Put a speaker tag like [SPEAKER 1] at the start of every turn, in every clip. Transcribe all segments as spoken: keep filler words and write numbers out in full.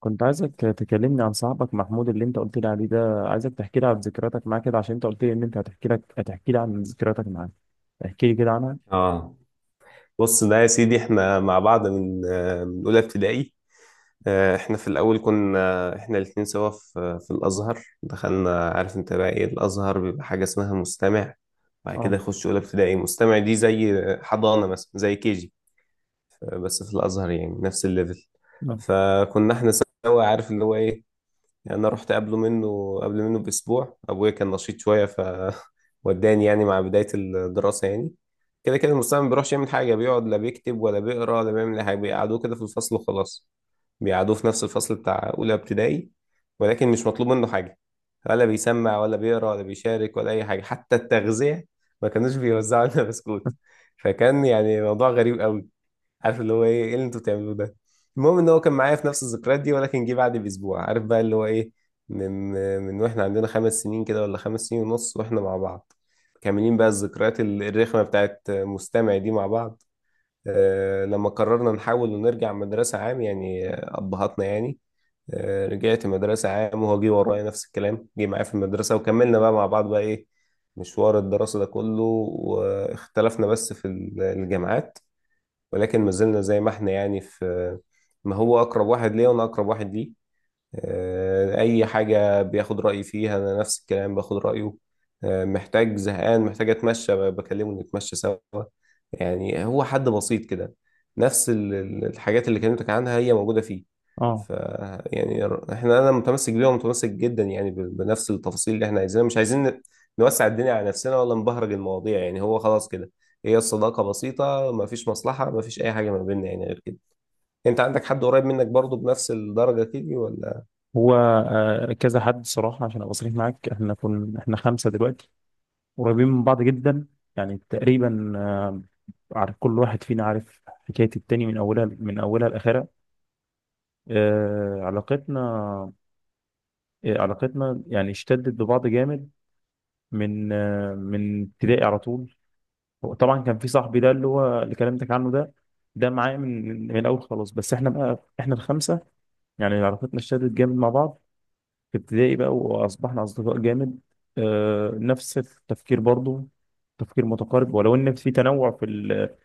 [SPEAKER 1] كنت عايزك تكلمني عن صاحبك محمود اللي انت قلت لي عليه ده، عايزك تحكي لي عن ذكرياتك معاه كده، عشان انت قلت لي ان انت هتحكي لك هتحكي لي عن ذكرياتك معاه. احكي لي كده عنها.
[SPEAKER 2] اه، بص ده يا سيدي. احنا مع بعض من آه، من اولى ابتدائي. آه، احنا في الاول كنا احنا الاتنين سوا في في الازهر. دخلنا، عارف انت بقى ايه الازهر، بيبقى حاجه اسمها مستمع. بعد كده
[SPEAKER 1] اه،
[SPEAKER 2] يخش اولى ابتدائي، مستمع دي زي حضانه مثلا، زي كيجي، بس في الازهر يعني نفس الليفل.
[SPEAKER 1] اه،
[SPEAKER 2] فكنا احنا سوا، عارف اللي هو ايه. يعني انا رحت قبله منه قبل منه باسبوع. ابويا كان نشيط شويه، ف وداني يعني مع بدايه الدراسه يعني. كده كده المستوى ما بيروحش يعمل حاجه. بيقعد، لا بيكتب ولا بيقرا ولا بيعمل اي حاجه. بيقعدوه كده في الفصل وخلاص. بيقعدوه في نفس الفصل بتاع اولى ابتدائي، ولكن مش مطلوب منه حاجه، ولا بيسمع ولا بيقرا ولا بيشارك ولا اي حاجه. حتى التغذيه ما كانوش بيوزعوا لنا بسكوت. فكان يعني موضوع غريب قوي، عارف اللي هو ايه، ايه اللي انتوا بتعملوه ده. المهم ان هو كان معايا في نفس الذكريات دي، ولكن جه بعد باسبوع. عارف بقى اللي هو ايه، من من واحنا عندنا خمس سنين كده، ولا خمس سنين ونص، واحنا مع بعض. كاملين بقى الذكريات ال- الرخمه بتاعت مستمع دي مع بعض. آه لما قررنا نحاول ونرجع مدرسه عام يعني، آه، ابهاتنا يعني. آه رجعت مدرسه عام، وهو جه ورايا نفس الكلام. جه معايا في المدرسه، وكملنا بقى مع بعض بقى ايه، مشوار الدراسه ده كله. واختلفنا بس في ال- الجامعات، ولكن ما زلنا زي ما احنا يعني. في، ما هو أقرب واحد ليا، وأنا أقرب واحد ليه. آه، أي حاجة بياخد رأيي فيها، أنا نفس الكلام باخد رأيه. آه، محتاج، زهقان، محتاج أتمشى، ب- بكلمه نتمشى سوا. يعني هو حد بسيط كده. نفس ال- ال- الحاجات اللي كلمتك عنها هي موجودة فيه.
[SPEAKER 1] اه.
[SPEAKER 2] ف يعني ر- احنا انا متمسك بيها، ومتمسك جدا يعني ب- بنفس التفاصيل اللي احنا عايزينها. مش عايزين ن- نوسع الدنيا على نفسنا، ولا نبهرج المواضيع. يعني هو خلاص كده، هي الصداقة بسيطة، ما فيش مصلحة، ما فيش اي حاجة ما بيننا يعني غير كده. انت عندك حد قريب منك برضو بنفس الدرجة كده ولا؟
[SPEAKER 1] هو آه، كذا حد صراحة، عشان ابقى صريح معاك، احنا كنا احنا خمسة دلوقتي، قريبين من بعض جدا، يعني تقريبا، آه، عارف كل واحد فينا عارف حكاية التاني من اولها من اولها لاخرها. آه، علاقتنا آه، علاقتنا يعني اشتدت ببعض جامد من آه، من ابتدائي على طول. هو طبعا كان في صاحبي ده اللي هو اللي كلمتك عنه ده، ده معايا من من الاول خلاص. بس احنا بقى احنا الخمسه، يعني علاقتنا اشتدت جامد مع بعض في ابتدائي بقى، واصبحنا اصدقاء جامد. آه نفس التفكير برضو، تفكير متقارب، ولو ان في تنوع في ال-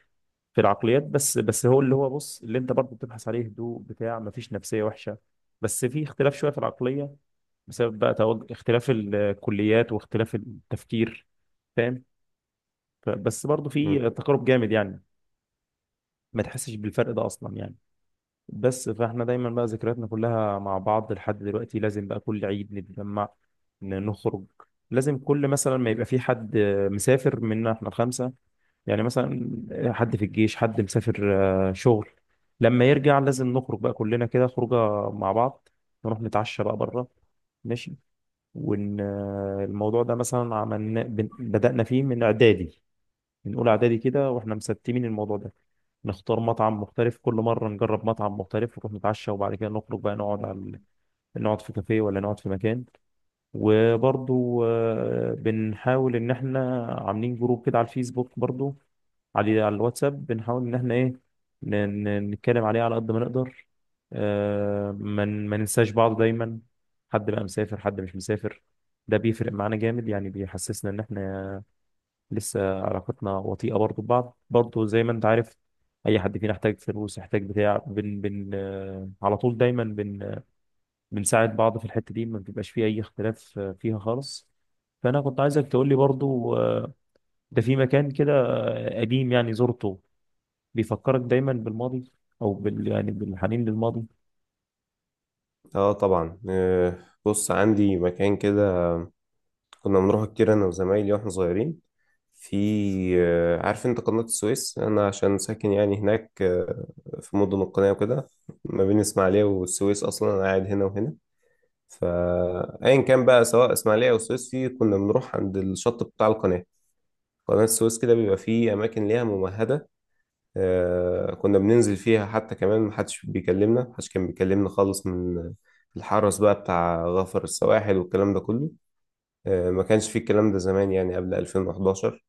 [SPEAKER 1] في العقليات، بس بس هو اللي هو، بص، اللي انت برضو بتبحث عليه، هدوء بتاع، مفيش نفسيه وحشه، بس في اختلاف شويه في العقليه بسبب بقى توج... اختلاف الكليات واختلاف التفكير، فاهم. ف- بس برضو
[SPEAKER 2] مم.
[SPEAKER 1] في تقارب جامد يعني، ما تحسش بالفرق ده اصلا يعني. بس فاحنا دايما بقى ذكرياتنا كلها مع بعض لحد دلوقتي، لازم بقى كل عيد نتجمع، ن- نخرج. لازم كل مثلا ما يبقى في حد مسافر منا احنا الخمسه، يعني مثلا، حد في الجيش، حد مسافر، آه، شغل، لما يرجع لازم نخرج بقى كلنا كده خروجه مع بعض، نروح نتعشى بقى بره، ماشي. وان آه، الموضوع ده مثلا عملنا بن- بدأنا فيه من اعدادي، من اولى اعدادي كده واحنا مستمين الموضوع ده، نختار مطعم مختلف كل مره، نجرب مطعم مختلف ونروح نتعشى، وبعد كده نخرج بقى نقعد على ال- نقعد في كافيه ولا نقعد في مكان. وبرضو آه، بنحاول ان احنا عاملين جروب كده على الفيسبوك برضو، على على الواتساب، بنحاول ان احنا ايه، ن- ن- نتكلم عليه على قد ما نقدر، آه، ما ن- ما ننساش بعض دايما. حد بقى مسافر، حد مش مسافر، ده بيفرق معانا جامد، يعني بيحسسنا ان احنا لسه علاقتنا وطيئة برضو ببعض برضو، زي ما انت عارف. اي حد فينا احتاج فلوس، احتاج بتاع، بن بن آه، على طول دايما، بن آه، بنساعد بعض في الحتة دي، ما بيبقاش فيه اي اختلاف آه، فيها خالص. فانا كنت عايزك تقول لي برضو آه، ده في مكان كده آه، قديم يعني زرته، بيفكرك دايما بالماضي، او بال يعني بالحنين للماضي؟
[SPEAKER 2] اه، طبعا. آه، بص، عندي مكان كده كنا بنروح كتير انا وزمايلي واحنا صغيرين في، آه، عارف انت قناة السويس، انا عشان ساكن يعني هناك. آه، في مدن القناة وكده، ما بين اسماعيلية والسويس. اصلا انا قاعد هنا وهنا. فايا كان بقى، سواء اسماعيلية او السويس، في كنا بنروح عند الشط بتاع القناة. قناة السويس كده بيبقى فيه اماكن ليها ممهدة. آه، كنا بننزل فيها، حتى كمان محدش بيكلمنا، محدش كان بيكلمنا خالص من الحرس بقى بتاع غفر السواحل والكلام ده كله. آه، ما كانش فيه الكلام ده زمان، يعني قبل ألفين وحداشر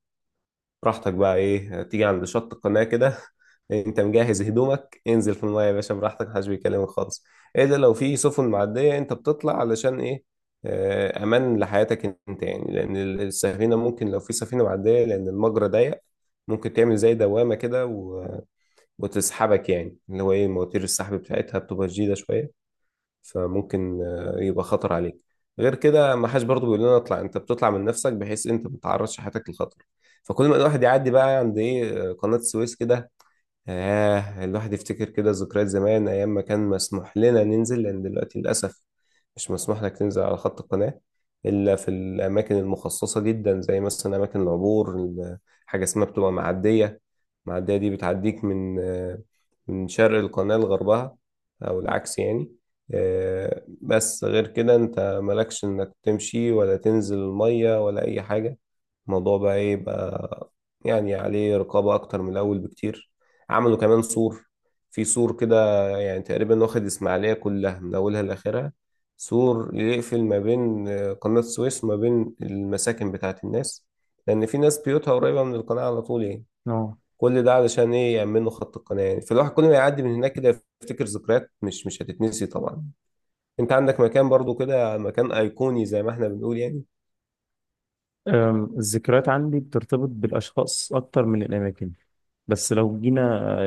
[SPEAKER 2] براحتك بقى ايه. تيجي عند شط القناة كده انت مجهز هدومك، انزل في المايه يا باشا براحتك، محدش بيكلمك خالص. ايه ده؟ لو في سفن معدية انت بتطلع، علشان ايه؟ آه، امان لحياتك انت، يعني لان السفينة ممكن، لو في سفينة معدية، لان المجرى ضيق، ممكن تعمل زي دوامة كده و- وتسحبك، يعني اللي هو ايه، مواتير السحب بتاعتها بتبقى شديدة شوية. فممكن آه، يبقى خطر عليك. غير كده، ما حدش برضه بيقول لنا اطلع، انت بتطلع من نفسك بحيث انت ما تعرضش حياتك للخطر. فكل ما الواحد يعدي بقى عند ايه، آه، قناة السويس كده، آه الواحد يفتكر كده ذكريات زمان، أيام ما كان مسموح لنا ننزل. لأن دلوقتي للأسف مش مسموح لك تنزل على خط القناة، إلا في الأماكن المخصصة جدا، زي مثلا أماكن العبور. ال- حاجة اسمها بتبقى معدية. المعدية دي بتعديك من آه، من شرق القناة لغربها، أو العكس يعني. آه، بس غير كده أنت مالكش إنك تمشي، ولا تنزل المية، ولا أي حاجة. الموضوع بقى ايه بقى، يعني عليه رقابة أكتر من الأول بكتير. عملوا كمان سور، في سور كده يعني تقريبا واخد إسماعيلية كلها من أولها لآخرها، سور يقفل ما بين آه، قناة السويس وما بين المساكن بتاعة الناس، لأن في ناس بيوتها قريبة من القناة على طول يعني.
[SPEAKER 1] اه.
[SPEAKER 2] كل ده علشان إيه، يأمنوا خط القناة يعني. فالواحد كل ما يعدي من هناك كده يفتكر ذكريات مش مش هتتنسي طبعا. أنت عندك مكان برضو كده، مكان أيقوني زي ما إحنا بنقول يعني؟
[SPEAKER 1] أم، الذكريات عندي بترتبط بالاشخاص اكتر من الاماكن، بس لو جينا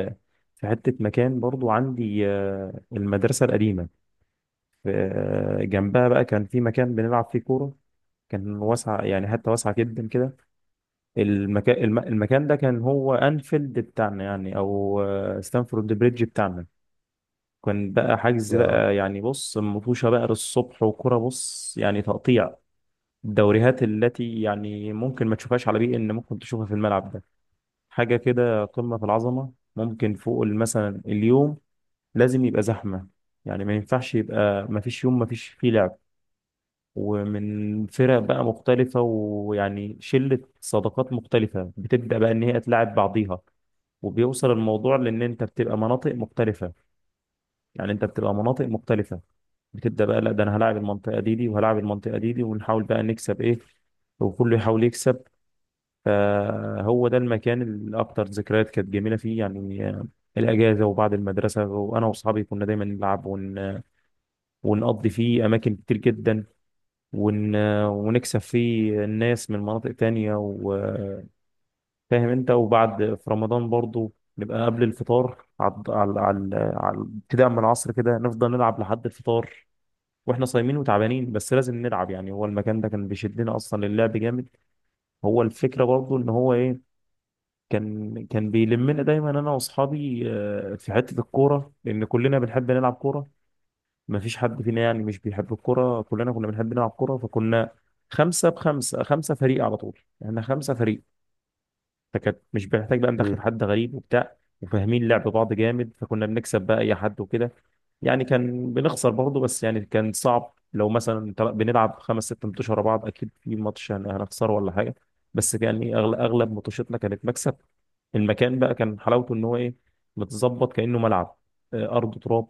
[SPEAKER 1] آه، في حتة مكان برضو عندي آه، المدرسة القديمة، في- آه، جنبها بقى كان في مكان بنلعب فيه كورة، كان واسع يعني، حتة واسعة جدا كده. المكان المكان ده كان هو أنفيلد بتاعنا يعني، أو آه، ستانفورد بريدج بتاعنا. كان بقى حجز
[SPEAKER 2] آه.
[SPEAKER 1] بقى يعني، بص، مطوشة بقى للصبح وكرة، بص، يعني تقطيع الدوريات التي يعني ممكن ما تشوفهاش على بيئة، إن ممكن تشوفها في الملعب ده، حاجة كده قمة في العظمة. ممكن فوق مثلا اليوم لازم يبقى زحمة، يعني ما ينفعش يبقى، ما فيش يوم ما فيش فيه لعب. ومن فرق بقى مختلفة، ويعني شلة صداقات مختلفة بتبدأ بقى إن هي تلاعب بعضيها، وبيوصل الموضوع لان انت بتبقى مناطق مختلفه، يعني انت بتبقى مناطق مختلفه، بتبدا بقى لا ده انا هلاعب المنطقه دي دي، وهلاعب المنطقه دي دي، ونحاول بقى نكسب ايه، وكله يحاول يكسب. فهو ده المكان اللي اكتر ذكريات كانت جميله فيه يعني، آه، الاجازه وبعد المدرسه، وانا واصحابي كنا دايما نلعب ونقضي فيه أماكن كتير جدا، ون... ونكسب فيه الناس من مناطق تانية، وفاهم أنت. وبعد في رمضان برضو نبقى قبل الفطار، على على على على ابتداء من العصر كده نفضل نلعب لحد الفطار، واحنا صايمين وتعبانين، بس لازم نلعب يعني، هو المكان ده كان بيشدنا اصلا للعب جامد. هو الفكره برضو ان هو ايه، كان كان بيلمنا دايما انا واصحابي آه، في حته الكوره لان كلنا بنحب نلعب كوره، ما فيش حد فينا يعني مش بيحب الكرة، كلنا كنا بنحب نلعب كرة، فكنا خمسة بخمسة، خمسة فريق على طول، احنا خمسة فريق. فكانت مش بنحتاج بقى ندخل حد غريب وبتاع، وفاهمين لعب بعض جامد، فكنا بنكسب بقى اي حد وكده، يعني كان بنخسر برضه بس يعني كان صعب، لو مثلا تل- بنلعب خمس ست ماتشات ورا بعض اكيد في ماتش هن- هنخسره ولا حاجه، بس يعني اغلب اغلب ماتشاتنا كانت مكسب. المكان بقى كان حلاوته ان هو ايه، متظبط كانه ملعب، آه، ارض تراب،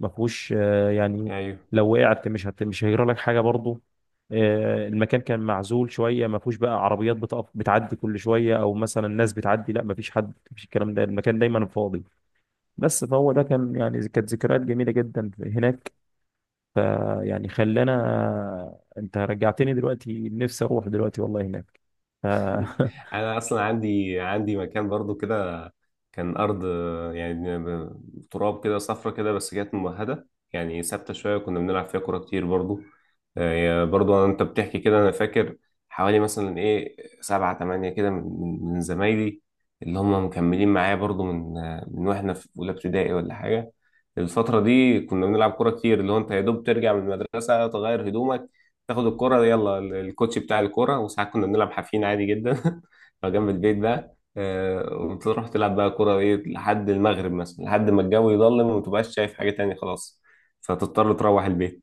[SPEAKER 1] ما فيهوش آه، يعني،
[SPEAKER 2] أمم.
[SPEAKER 1] لو وقعت مش هت... مش هيجرى لك حاجه برضه. آه، المكان كان معزول شويه، ما فيهوش بقى عربيات بتقف بتعدي كل شويه، او مثلا ناس بتعدي، لا ما فيش حد، ما فيش الكلام ده، المكان دايما فاضي. بس فهو ده كان يعني كانت ذكريات جميله جدا هناك، فيعني خلانا، انت رجعتني دلوقتي نفسي اروح دلوقتي والله هناك. ف...
[SPEAKER 2] انا اصلا عندي عندي مكان برضو كده. كان ارض، آه، يعني ب- تراب كده، صفرة كده، بس كانت ممهدة، يعني ثابتة شوية. كنا بنلعب فيها كورة كتير برضو. آه، برضو انت بتحكي كده، انا فاكر حوالي مثلا ايه، سبعة تمانية كده من من من زمايلي، اللي هم مكملين معايا برضو من آه، من واحنا في اولى ابتدائي ولا حاجة. الفترة دي كنا بنلعب كورة كتير، اللي هو انت يا دوب ترجع من المدرسة، تغير هدومك، تاخد الكورة، يلا ال- الكوتش بتاع الكورة. وساعات كنا بنلعب حافين عادي جدا لو جنب البيت بقى. آه، وتروح تلعب بقى كورة ايه، لحد المغرب مثلا، لحد ما الجو يظلم ومتبقاش شايف حاجة تانية خلاص، فتضطر تروح البيت.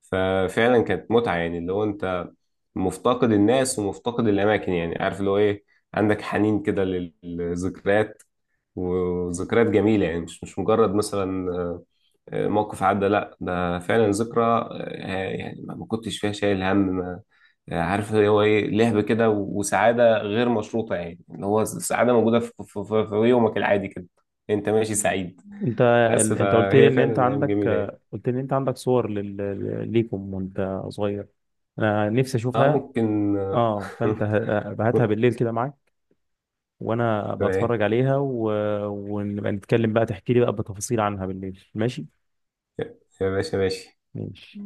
[SPEAKER 2] ففعلا كانت متعة، يعني اللي هو انت مفتقد الناس، ومفتقد الاماكن، يعني عارف اللي هو ايه، عندك حنين كده للذكريات. وذكريات جميلة، يعني مش مش مجرد مثلا آه، آه، موقف عدى، لا ده فعلا ذكرى. آه، يعني ما ما كنتش فيها شايل هم. ما آه، عارف اللي هو ايه، لهب كده، وسعادة غير مشروطة، يعني اللي هو السعادة موجودة في في- في- في يومك العادي كده، انت ماشي سعيد.
[SPEAKER 1] انت
[SPEAKER 2] بس
[SPEAKER 1] انت قلت لي
[SPEAKER 2] فهي
[SPEAKER 1] ان انت
[SPEAKER 2] فعلا ايام
[SPEAKER 1] عندك
[SPEAKER 2] جميلة يعني.
[SPEAKER 1] قلت لي ان انت عندك، صور لل... ليكم وانت صغير، انا نفسي
[SPEAKER 2] اه،
[SPEAKER 1] اشوفها.
[SPEAKER 2] ممكن
[SPEAKER 1] اه، فانت ه- هاتها
[SPEAKER 2] آه،
[SPEAKER 1] بالليل كده معاك، وانا
[SPEAKER 2] تمام.
[SPEAKER 1] بتفرج عليها و... ونبقى نتكلم بقى تحكي لي بقى بتفاصيل عنها بالليل، ماشي.
[SPEAKER 2] يا يا باشا ماشي.
[SPEAKER 1] ماشي.